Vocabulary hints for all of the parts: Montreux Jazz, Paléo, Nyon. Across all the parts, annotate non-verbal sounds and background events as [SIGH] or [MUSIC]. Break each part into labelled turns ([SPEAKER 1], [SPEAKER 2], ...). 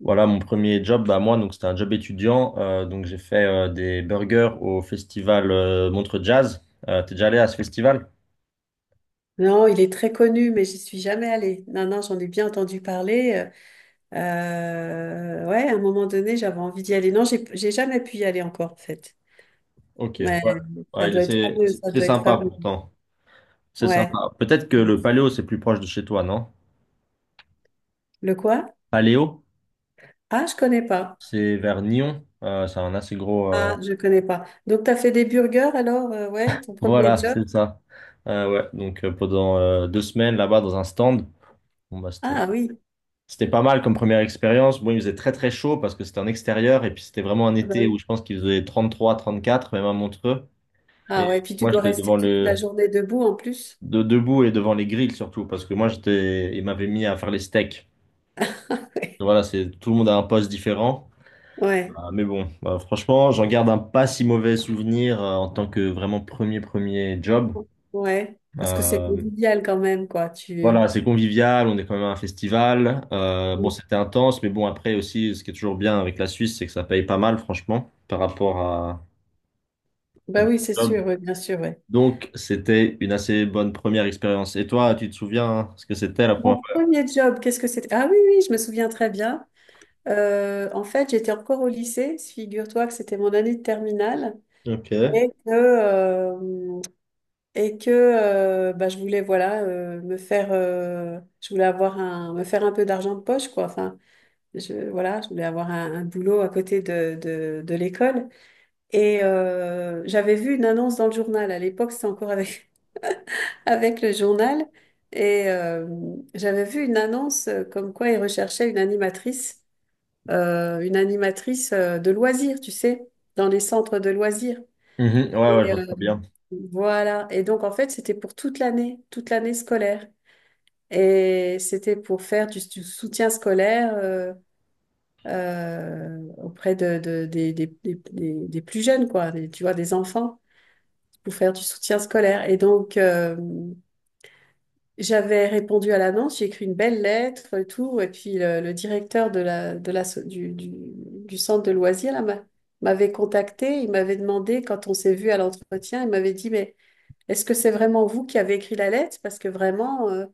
[SPEAKER 1] Voilà mon premier job, bah moi donc c'était un job étudiant, donc j'ai fait des burgers au festival Montreux Jazz. T'es déjà allé à ce festival?
[SPEAKER 2] Non, il est très connu, mais j'y suis jamais allée. Non, non, j'en ai bien entendu parler. Euh, ouais, à un moment donné, j'avais envie d'y aller. Non, j'ai jamais pu y aller encore, en fait.
[SPEAKER 1] Ok.
[SPEAKER 2] Ouais,
[SPEAKER 1] Ouais.
[SPEAKER 2] ça
[SPEAKER 1] Ouais,
[SPEAKER 2] doit être fameux, ça
[SPEAKER 1] c'est
[SPEAKER 2] doit être
[SPEAKER 1] sympa
[SPEAKER 2] fameux.
[SPEAKER 1] pourtant, c'est
[SPEAKER 2] Ouais.
[SPEAKER 1] sympa. Peut-être que le Paléo c'est plus proche de chez toi, non?
[SPEAKER 2] Le quoi?
[SPEAKER 1] Paléo,
[SPEAKER 2] Ah, je connais pas.
[SPEAKER 1] c'est vers Nyon. C'est un assez gros.
[SPEAKER 2] Ah, je connais pas. Donc, tu as fait des burgers alors, ouais, ton premier
[SPEAKER 1] Voilà,
[SPEAKER 2] job?
[SPEAKER 1] c'est ça. Ouais, donc pendant 2 semaines là-bas dans un stand. bon bah c'était
[SPEAKER 2] Ah oui,
[SPEAKER 1] C'était pas mal comme première expérience. Bon, il faisait très très chaud parce que c'était en extérieur et puis c'était vraiment un
[SPEAKER 2] ah, bah
[SPEAKER 1] été où
[SPEAKER 2] oui.
[SPEAKER 1] je pense qu'il faisait 33 34 même à Montreux. Et
[SPEAKER 2] Ah ouais, puis tu
[SPEAKER 1] moi,
[SPEAKER 2] dois
[SPEAKER 1] j'étais
[SPEAKER 2] rester
[SPEAKER 1] devant
[SPEAKER 2] toute la journée debout en plus.
[SPEAKER 1] debout et devant les grilles, surtout parce que moi, il m'avait mis à faire les steaks.
[SPEAKER 2] [LAUGHS]
[SPEAKER 1] Donc voilà, tout le monde a un poste différent.
[SPEAKER 2] Ouais,
[SPEAKER 1] Ah, mais bon, bah, franchement, j'en garde un pas si mauvais souvenir en tant que vraiment premier job.
[SPEAKER 2] ouais, parce que c'est
[SPEAKER 1] Euh,
[SPEAKER 2] convivial quand même, quoi. Tu...
[SPEAKER 1] Voilà, c'est convivial, on est quand même à un festival. Bon, c'était intense, mais bon, après aussi, ce qui est toujours bien avec la Suisse, c'est que ça paye pas mal, franchement, par rapport à
[SPEAKER 2] Bah
[SPEAKER 1] d'autres
[SPEAKER 2] oui, c'est
[SPEAKER 1] jobs.
[SPEAKER 2] sûr, oui, bien sûr, ouais.
[SPEAKER 1] Donc, c'était une assez bonne première expérience. Et toi, tu te souviens hein, ce que c'était la première
[SPEAKER 2] Mon
[SPEAKER 1] fois?
[SPEAKER 2] premier job, qu'est-ce que c'était? Ah oui, oui, je me souviens très bien. En fait, j'étais encore au lycée, figure-toi que c'était mon année de terminale
[SPEAKER 1] Ok.
[SPEAKER 2] et que, euh, et que, bah, je voulais voilà me faire, je voulais avoir un, me faire un peu d'argent de poche quoi. Enfin, je, voilà, je voulais avoir un, boulot à côté de, de l'école et j'avais vu une annonce dans le journal. À l'époque, c'était encore avec le journal et j'avais vu une annonce comme quoi ils recherchaient une animatrice de loisirs, tu sais, dans les centres de loisirs.
[SPEAKER 1] Mhm. Ouais, ouais, je
[SPEAKER 2] Et,
[SPEAKER 1] vois très bien.
[SPEAKER 2] voilà. Et donc, en fait, c'était pour toute l'année scolaire. Et c'était pour faire du soutien scolaire auprès des plus jeunes, quoi, tu vois, des enfants, pour faire du soutien scolaire. Et donc, j'avais répondu à l'annonce, j'ai écrit une belle lettre et tout, et puis le directeur de la, so- du centre de loisirs là, m'avait contacté, il m'avait demandé, quand on s'est vu à l'entretien, il m'avait dit, mais est-ce que c'est vraiment vous qui avez écrit la lettre? Parce que vraiment,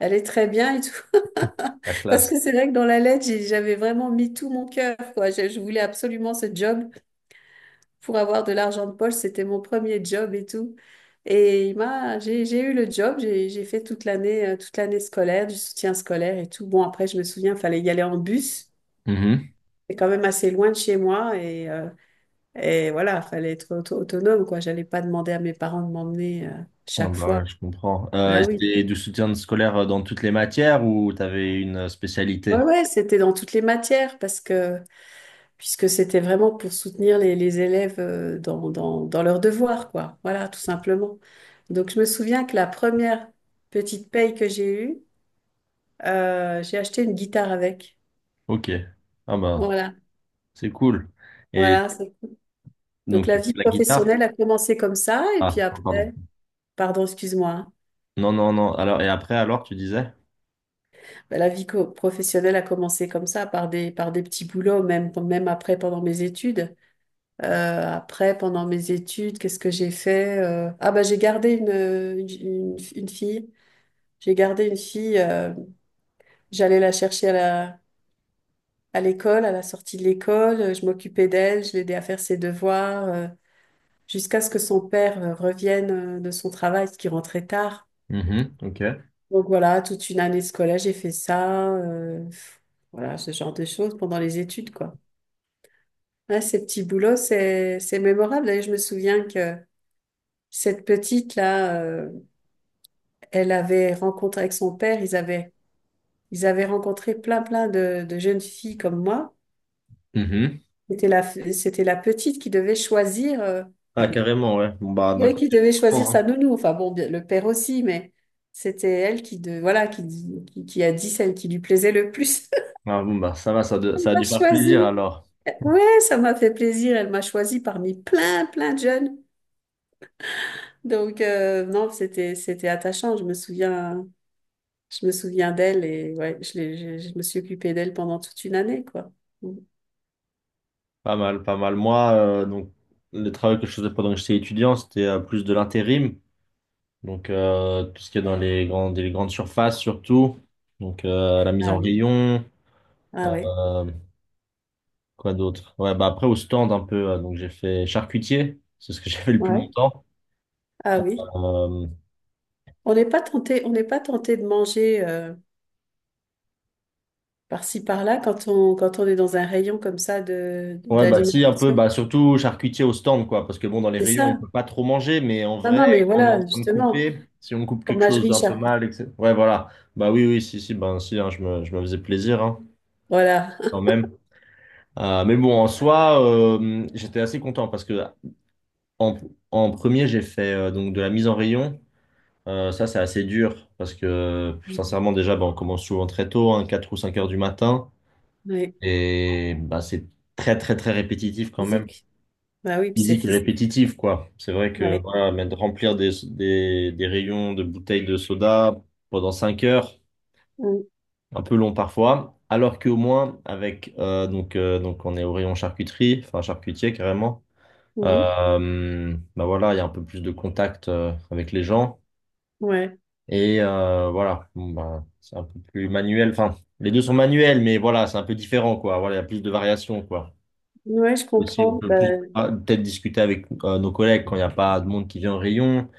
[SPEAKER 2] elle est très bien et tout.
[SPEAKER 1] La
[SPEAKER 2] [LAUGHS] Parce
[SPEAKER 1] classe.
[SPEAKER 2] que c'est vrai que dans la lettre, j'avais vraiment mis tout mon cœur, quoi. Je voulais absolument ce job pour avoir de l'argent de poche. C'était mon premier job et tout. Et j'ai eu le job, j'ai fait toute l'année scolaire, du soutien scolaire et tout. Bon, après, je me souviens, il fallait y aller en bus.
[SPEAKER 1] Mhm.
[SPEAKER 2] C'est quand même assez loin de chez moi et voilà, fallait être autonome, quoi. J'allais pas demander à mes parents de m'emmener
[SPEAKER 1] Ah
[SPEAKER 2] chaque
[SPEAKER 1] bah
[SPEAKER 2] fois.
[SPEAKER 1] ouais, je comprends. Euh,
[SPEAKER 2] Ah
[SPEAKER 1] et
[SPEAKER 2] oui.
[SPEAKER 1] c'était du soutien scolaire dans toutes les matières ou t'avais une
[SPEAKER 2] Ouais,
[SPEAKER 1] spécialité?
[SPEAKER 2] ouais, c'était dans toutes les matières parce que puisque c'était vraiment pour soutenir les élèves dans leurs devoirs, quoi. Voilà, tout simplement. Donc, je me souviens que la première petite paye que j'ai eue, j'ai acheté une guitare avec.
[SPEAKER 1] Ok. Ah bah,
[SPEAKER 2] Voilà,
[SPEAKER 1] c'est cool. Et
[SPEAKER 2] voilà. Donc,
[SPEAKER 1] donc,
[SPEAKER 2] la
[SPEAKER 1] tu fais
[SPEAKER 2] vie
[SPEAKER 1] de la guitare?
[SPEAKER 2] professionnelle a commencé comme ça, et puis
[SPEAKER 1] Ah, pardon.
[SPEAKER 2] après, pardon, excuse-moi, hein.
[SPEAKER 1] Non, non, non. Alors, et après, alors, tu disais?
[SPEAKER 2] Bah, la vie professionnelle a commencé comme ça, par des petits boulots, même, même après, pendant mes études. Après, pendant mes études, qu'est-ce que j'ai fait? Ah, bah, j'ai gardé une fille. J'ai gardé une fille, j'allais la chercher à l'école, à la sortie de l'école, je m'occupais d'elle, je l'aidais à faire ses devoirs, jusqu'à ce que son père revienne de son travail, ce qui rentrait tard.
[SPEAKER 1] Mhm, ok.
[SPEAKER 2] Donc voilà, toute une année scolaire, j'ai fait ça, voilà, ce genre de choses pendant les études, quoi. Ouais, ces petits boulots, c'est mémorable. D'ailleurs, je me souviens que cette petite-là, elle avait rencontré avec son père, ils avaient rencontré plein, plein de jeunes filles comme moi.
[SPEAKER 1] Mhm.
[SPEAKER 2] C'était la, c'était la petite qui devait choisir,
[SPEAKER 1] Ah, carrément, ouais. Bon, bah, d'un
[SPEAKER 2] elle qui
[SPEAKER 1] côté, je
[SPEAKER 2] devait choisir
[SPEAKER 1] comprends,
[SPEAKER 2] sa
[SPEAKER 1] hein.
[SPEAKER 2] nounou. Enfin bon, le père aussi, mais c'était elle qui, voilà, qui a dit celle qui lui plaisait le plus. [LAUGHS]
[SPEAKER 1] Ah, bon, bah, ça va,
[SPEAKER 2] Elle
[SPEAKER 1] ça a
[SPEAKER 2] m'a
[SPEAKER 1] dû faire
[SPEAKER 2] choisi.
[SPEAKER 1] plaisir, alors.
[SPEAKER 2] Ouais, ça m'a fait plaisir. Elle m'a choisi parmi plein, plein de jeunes. Donc non, c'était attachant. Je me souviens d'elle et ouais, je me suis occupée d'elle pendant toute une année, quoi.
[SPEAKER 1] Pas mal, pas mal. Moi, donc, le travail que je faisais pendant que j'étais étudiant, c'était plus de l'intérim. Donc, tout ce qui est dans les grandes surfaces, surtout. Donc, la mise
[SPEAKER 2] Ah
[SPEAKER 1] en
[SPEAKER 2] oui.
[SPEAKER 1] rayon.
[SPEAKER 2] Ah ouais.
[SPEAKER 1] euh, quoi d'autre? Ouais, bah, après, au stand, un peu. Donc, j'ai fait charcutier. C'est ce que [LAUGHS] j'ai fait le plus
[SPEAKER 2] Ouais.
[SPEAKER 1] longtemps.
[SPEAKER 2] Ah oui.
[SPEAKER 1] Euh,
[SPEAKER 2] On n'est pas tenté, on n'est pas tenté de manger. Par-ci, par-là, quand on est dans un rayon comme ça
[SPEAKER 1] Ouais, bah si, un peu,
[SPEAKER 2] d'alimentation.
[SPEAKER 1] bah surtout charcutier au stand, quoi, parce que bon, dans les
[SPEAKER 2] C'est
[SPEAKER 1] rayons, on
[SPEAKER 2] ça.
[SPEAKER 1] peut pas trop manger, mais en
[SPEAKER 2] Non,
[SPEAKER 1] vrai,
[SPEAKER 2] non, mais
[SPEAKER 1] quand on est en
[SPEAKER 2] voilà,
[SPEAKER 1] train de
[SPEAKER 2] justement,
[SPEAKER 1] couper, si on coupe quelque chose
[SPEAKER 2] fromagerie,
[SPEAKER 1] d'un peu
[SPEAKER 2] charcuterie.
[SPEAKER 1] mal, etc. Ouais, voilà. Bah oui, oui, si, si, ben si, hein, je me faisais plaisir, hein,
[SPEAKER 2] Voilà.
[SPEAKER 1] quand même. Mais bon, en soi, j'étais assez content parce que en, en premier, j'ai fait donc de la mise en rayon. Ça, c'est assez dur parce que sincèrement, déjà, bah, on commence souvent très tôt, hein, 4 ou 5 heures du matin,
[SPEAKER 2] Ouais,
[SPEAKER 1] et bah c'est très, très, très répétitif quand même.
[SPEAKER 2] physique. Bah oui, puis c'est
[SPEAKER 1] Physique et
[SPEAKER 2] physique.
[SPEAKER 1] répétitif, quoi. C'est vrai que
[SPEAKER 2] Ouais.
[SPEAKER 1] voilà, mais de remplir des rayons de bouteilles de soda pendant 5 heures,
[SPEAKER 2] Mm,
[SPEAKER 1] un peu long parfois, alors qu'au moins avec donc on est au rayon charcuterie, enfin charcutier carrément.
[SPEAKER 2] mhm.
[SPEAKER 1] Bah voilà, il y a un peu plus de contact avec les gens
[SPEAKER 2] Ouais.
[SPEAKER 1] et voilà, bon, bah, c'est un peu plus manuel. Enfin, les deux sont manuels, mais voilà, c'est un peu différent, quoi. Voilà, il y a plus de variations, quoi.
[SPEAKER 2] Ouais, je
[SPEAKER 1] Aussi, on
[SPEAKER 2] comprends.
[SPEAKER 1] peut
[SPEAKER 2] Bah,
[SPEAKER 1] plus peut-être discuter avec nos collègues quand il n'y a pas de monde qui vient au rayon.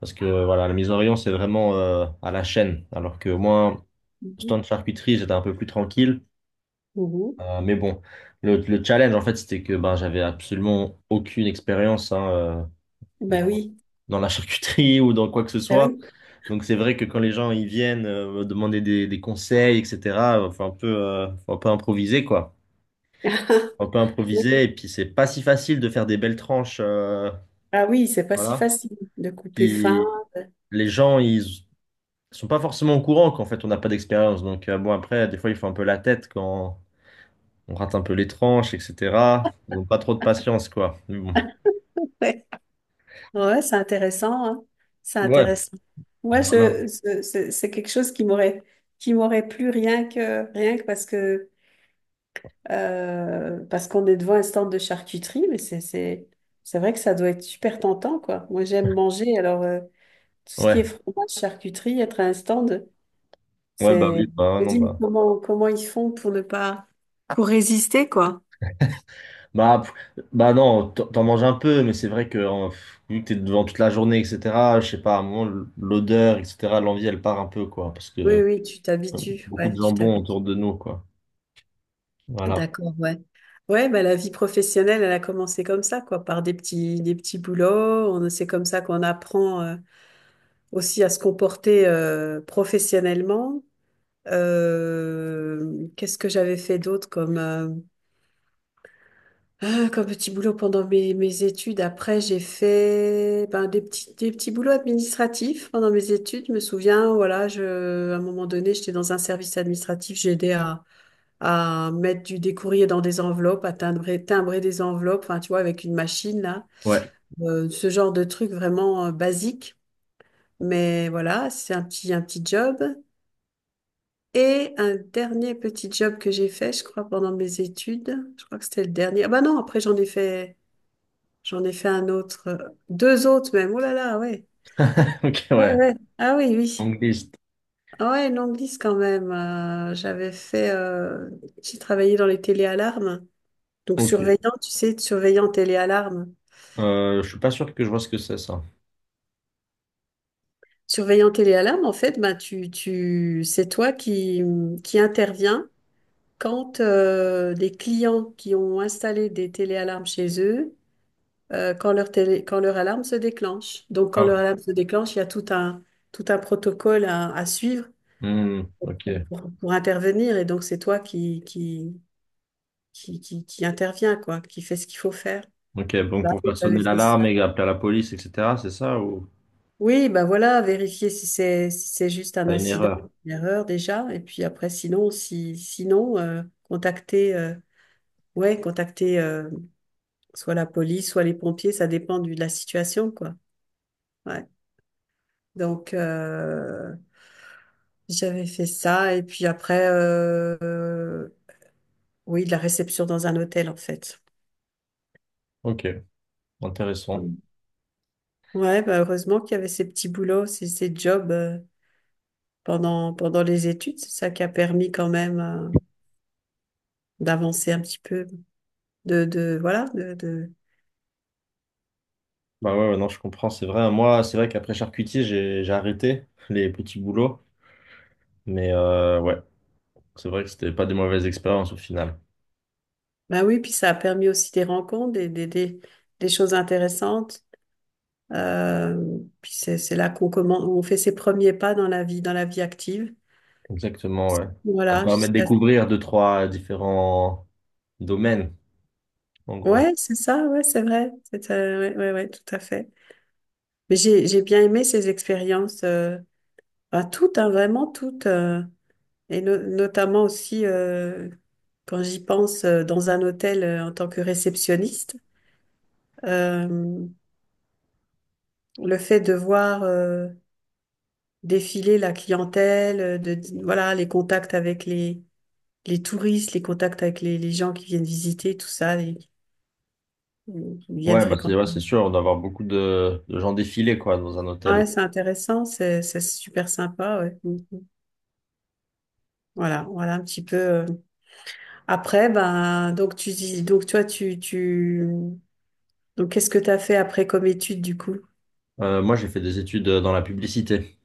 [SPEAKER 1] Parce que voilà, la mise en rayon, c'est vraiment à la chaîne. Alors que moi,
[SPEAKER 2] mhm,
[SPEAKER 1] stand charcuterie, j'étais un peu plus tranquille.
[SPEAKER 2] mhm.
[SPEAKER 1] Mais bon, le challenge, en fait, c'était que ben, j'avais absolument aucune expérience hein,
[SPEAKER 2] Bah
[SPEAKER 1] dans,
[SPEAKER 2] oui.
[SPEAKER 1] dans la charcuterie [LAUGHS] ou dans quoi que ce
[SPEAKER 2] Bah
[SPEAKER 1] soit.
[SPEAKER 2] oui.
[SPEAKER 1] Donc c'est vrai que quand les gens ils viennent me demander des conseils, etc., il faut un peu improviser, quoi.
[SPEAKER 2] [LAUGHS]
[SPEAKER 1] Faut un peu
[SPEAKER 2] Oui.
[SPEAKER 1] improviser. Et puis c'est pas si facile de faire des belles tranches. euh,
[SPEAKER 2] Ah oui, c'est pas si
[SPEAKER 1] voilà.
[SPEAKER 2] facile de couper fin.
[SPEAKER 1] Puis les gens, ils sont pas forcément au courant qu'en fait on n'a pas d'expérience. Donc bon après, des fois ils font un peu la tête quand on rate un peu les tranches, etc. Ils n'ont pas trop de patience, quoi. Mais bon.
[SPEAKER 2] Ouais, Ouais, c'est intéressant, hein. C'est
[SPEAKER 1] Ouais.
[SPEAKER 2] intéressant. Moi,
[SPEAKER 1] Voilà.
[SPEAKER 2] c'est quelque chose qui m'aurait plu rien que, rien que parce qu'on est devant un stand de charcuterie, mais c'est vrai que ça doit être super tentant, quoi. Moi, j'aime manger, alors tout ce qui est
[SPEAKER 1] Ouais.
[SPEAKER 2] fromage, charcuterie, être à un stand,
[SPEAKER 1] Ouais, bah oui,
[SPEAKER 2] c'est... Je
[SPEAKER 1] bah
[SPEAKER 2] me
[SPEAKER 1] non,
[SPEAKER 2] dis, mais
[SPEAKER 1] bah.
[SPEAKER 2] comment ils font pour ne pas... pour résister, quoi.
[SPEAKER 1] Bah, bah non, t'en manges un peu, mais c'est vrai que vu que t'es devant toute la journée, etc., je sais pas, à un moment, l'odeur, etc., l'envie, elle part un peu, quoi, parce que
[SPEAKER 2] Oui, oui, tu t'habitues,
[SPEAKER 1] beaucoup de
[SPEAKER 2] ouais, tu
[SPEAKER 1] jambon
[SPEAKER 2] t'habitues.
[SPEAKER 1] autour de nous, quoi. Voilà.
[SPEAKER 2] D'accord, ouais. Ouais, bah, la vie professionnelle, elle a commencé comme ça, quoi, par des petits boulots. C'est comme ça qu'on apprend aussi à se comporter professionnellement. Qu'est-ce que j'avais fait d'autre comme petit boulot pendant mes études? Après, j'ai fait ben, des petits boulots administratifs pendant mes études. Je me souviens, voilà, à un moment donné, j'étais dans un service administratif. J'ai aidé à mettre des courriers dans des enveloppes, à timbrer des enveloppes, enfin, tu vois, avec une machine, là.
[SPEAKER 1] Ouais.
[SPEAKER 2] Ce genre de truc vraiment basique. Mais voilà, c'est un petit job. Et un dernier petit job que j'ai fait, je crois, pendant mes études. Je crois que c'était le dernier. Ah bah non, après j'en ai fait un autre, deux autres même. Oh là là, ouais.
[SPEAKER 1] [LAUGHS] Ok,
[SPEAKER 2] Ouais,
[SPEAKER 1] ouais.
[SPEAKER 2] ouais. Ah oui, oui.
[SPEAKER 1] Angliste.
[SPEAKER 2] Ah ouais, une longue liste quand même. J'ai travaillé dans les téléalarmes. Donc
[SPEAKER 1] Ok.
[SPEAKER 2] surveillant, tu sais, surveillant téléalarme.
[SPEAKER 1] Je suis pas sûr que je vois ce que c'est, ça.
[SPEAKER 2] Surveillant téléalarme, en fait, bah, c'est toi qui, interviens quand les clients qui ont installé des téléalarmes chez eux quand leur alarme se déclenche. Donc, quand
[SPEAKER 1] Ah,
[SPEAKER 2] leur
[SPEAKER 1] ok.
[SPEAKER 2] alarme se déclenche, il y a tout un protocole à suivre
[SPEAKER 1] Hmm, ok,
[SPEAKER 2] pour intervenir. Et donc, c'est toi qui intervient, quoi, qui fait ce qu'il faut faire.
[SPEAKER 1] ok. Donc
[SPEAKER 2] Bah,
[SPEAKER 1] pour faire
[SPEAKER 2] j'avais
[SPEAKER 1] sonner
[SPEAKER 2] fait
[SPEAKER 1] l'alarme
[SPEAKER 2] ça.
[SPEAKER 1] et appeler la police, etc., c'est ça ou
[SPEAKER 2] Oui, bah voilà, vérifier si c'est juste un
[SPEAKER 1] pas une
[SPEAKER 2] incident,
[SPEAKER 1] erreur?
[SPEAKER 2] une erreur déjà, et puis après, sinon, si sinon, ouais, contacter soit la police, soit les pompiers, ça dépend de la situation, quoi. Ouais. Donc, j'avais fait ça et puis après, oui, de la réception dans un hôtel en fait.
[SPEAKER 1] Ok, intéressant.
[SPEAKER 2] Mm. Ouais, bah heureusement qu'il y avait ces petits boulots, ces jobs pendant les études. C'est ça qui a permis quand même d'avancer un petit peu. De, voilà, de...
[SPEAKER 1] Bah ouais, ouais, non, je comprends, c'est vrai, hein. Moi, c'est vrai qu'après charcutier, j'ai arrêté les petits boulots, mais ouais, c'est vrai que c'était pas des mauvaises expériences au final.
[SPEAKER 2] Bah oui, puis ça a permis aussi des rencontres, des choses intéressantes. Euh, Puis c'est là qu'on commence, on fait ses premiers pas dans la vie, dans la vie active.
[SPEAKER 1] Exactement, ouais. Ça
[SPEAKER 2] Voilà,
[SPEAKER 1] permet de
[SPEAKER 2] jusqu'à...
[SPEAKER 1] découvrir deux, trois différents domaines, en gros.
[SPEAKER 2] Ouais, c'est ça, ouais, c'est vrai. C'est, ouais, ouais, ouais, tout à fait. Mais j'ai bien aimé ces expériences, enfin, toutes, hein, vraiment toutes, et notamment aussi quand j'y pense dans un hôtel en tant que réceptionniste, euh, le fait de voir défiler la clientèle, de voilà les contacts avec les touristes, les contacts avec les gens qui viennent visiter, tout ça, qui viennent
[SPEAKER 1] Ouais, bah c'est
[SPEAKER 2] fréquenter.
[SPEAKER 1] ouais, c'est sûr, on doit avoir beaucoup de gens défiler quoi dans un hôtel.
[SPEAKER 2] Ouais, c'est intéressant, c'est super sympa. Ouais. Voilà, voilà un petit peu. Après, ben, donc tu dis, donc toi, donc qu'est-ce que tu as fait après comme étude du coup?
[SPEAKER 1] Moi, j'ai fait des études dans la publicité,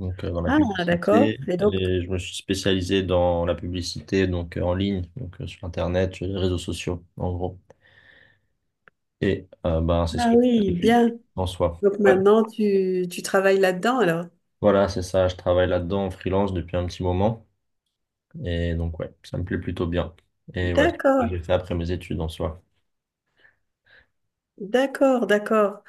[SPEAKER 1] donc dans la
[SPEAKER 2] Ah, d'accord.
[SPEAKER 1] publicité.
[SPEAKER 2] Et donc,
[SPEAKER 1] Et je me suis spécialisé dans la publicité donc en ligne, donc sur Internet, sur les réseaux sociaux, en gros. Et ben, c'est ce
[SPEAKER 2] ah
[SPEAKER 1] que je fais
[SPEAKER 2] oui,
[SPEAKER 1] depuis
[SPEAKER 2] bien.
[SPEAKER 1] en soi.
[SPEAKER 2] Donc
[SPEAKER 1] Ouais.
[SPEAKER 2] maintenant, tu travailles là-dedans alors?
[SPEAKER 1] Voilà, c'est ça. Je travaille là-dedans en freelance depuis un petit moment. Et donc, ouais, ça me plaît plutôt bien. Et ouais, c'est ce que
[SPEAKER 2] D'accord,
[SPEAKER 1] j'ai fait après mes études en soi.
[SPEAKER 2] d'accord, d'accord.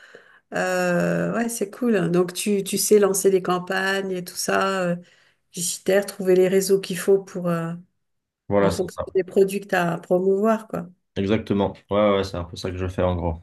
[SPEAKER 2] Ouais, c'est cool. Donc tu sais lancer des campagnes et tout ça, publicitaire, trouver les réseaux qu'il faut pour, en
[SPEAKER 1] Voilà, c'est
[SPEAKER 2] fonction
[SPEAKER 1] ça.
[SPEAKER 2] des produits que tu as à promouvoir, quoi.
[SPEAKER 1] Exactement. Ouais, ouais, ouais, c'est un peu ça que je fais en gros.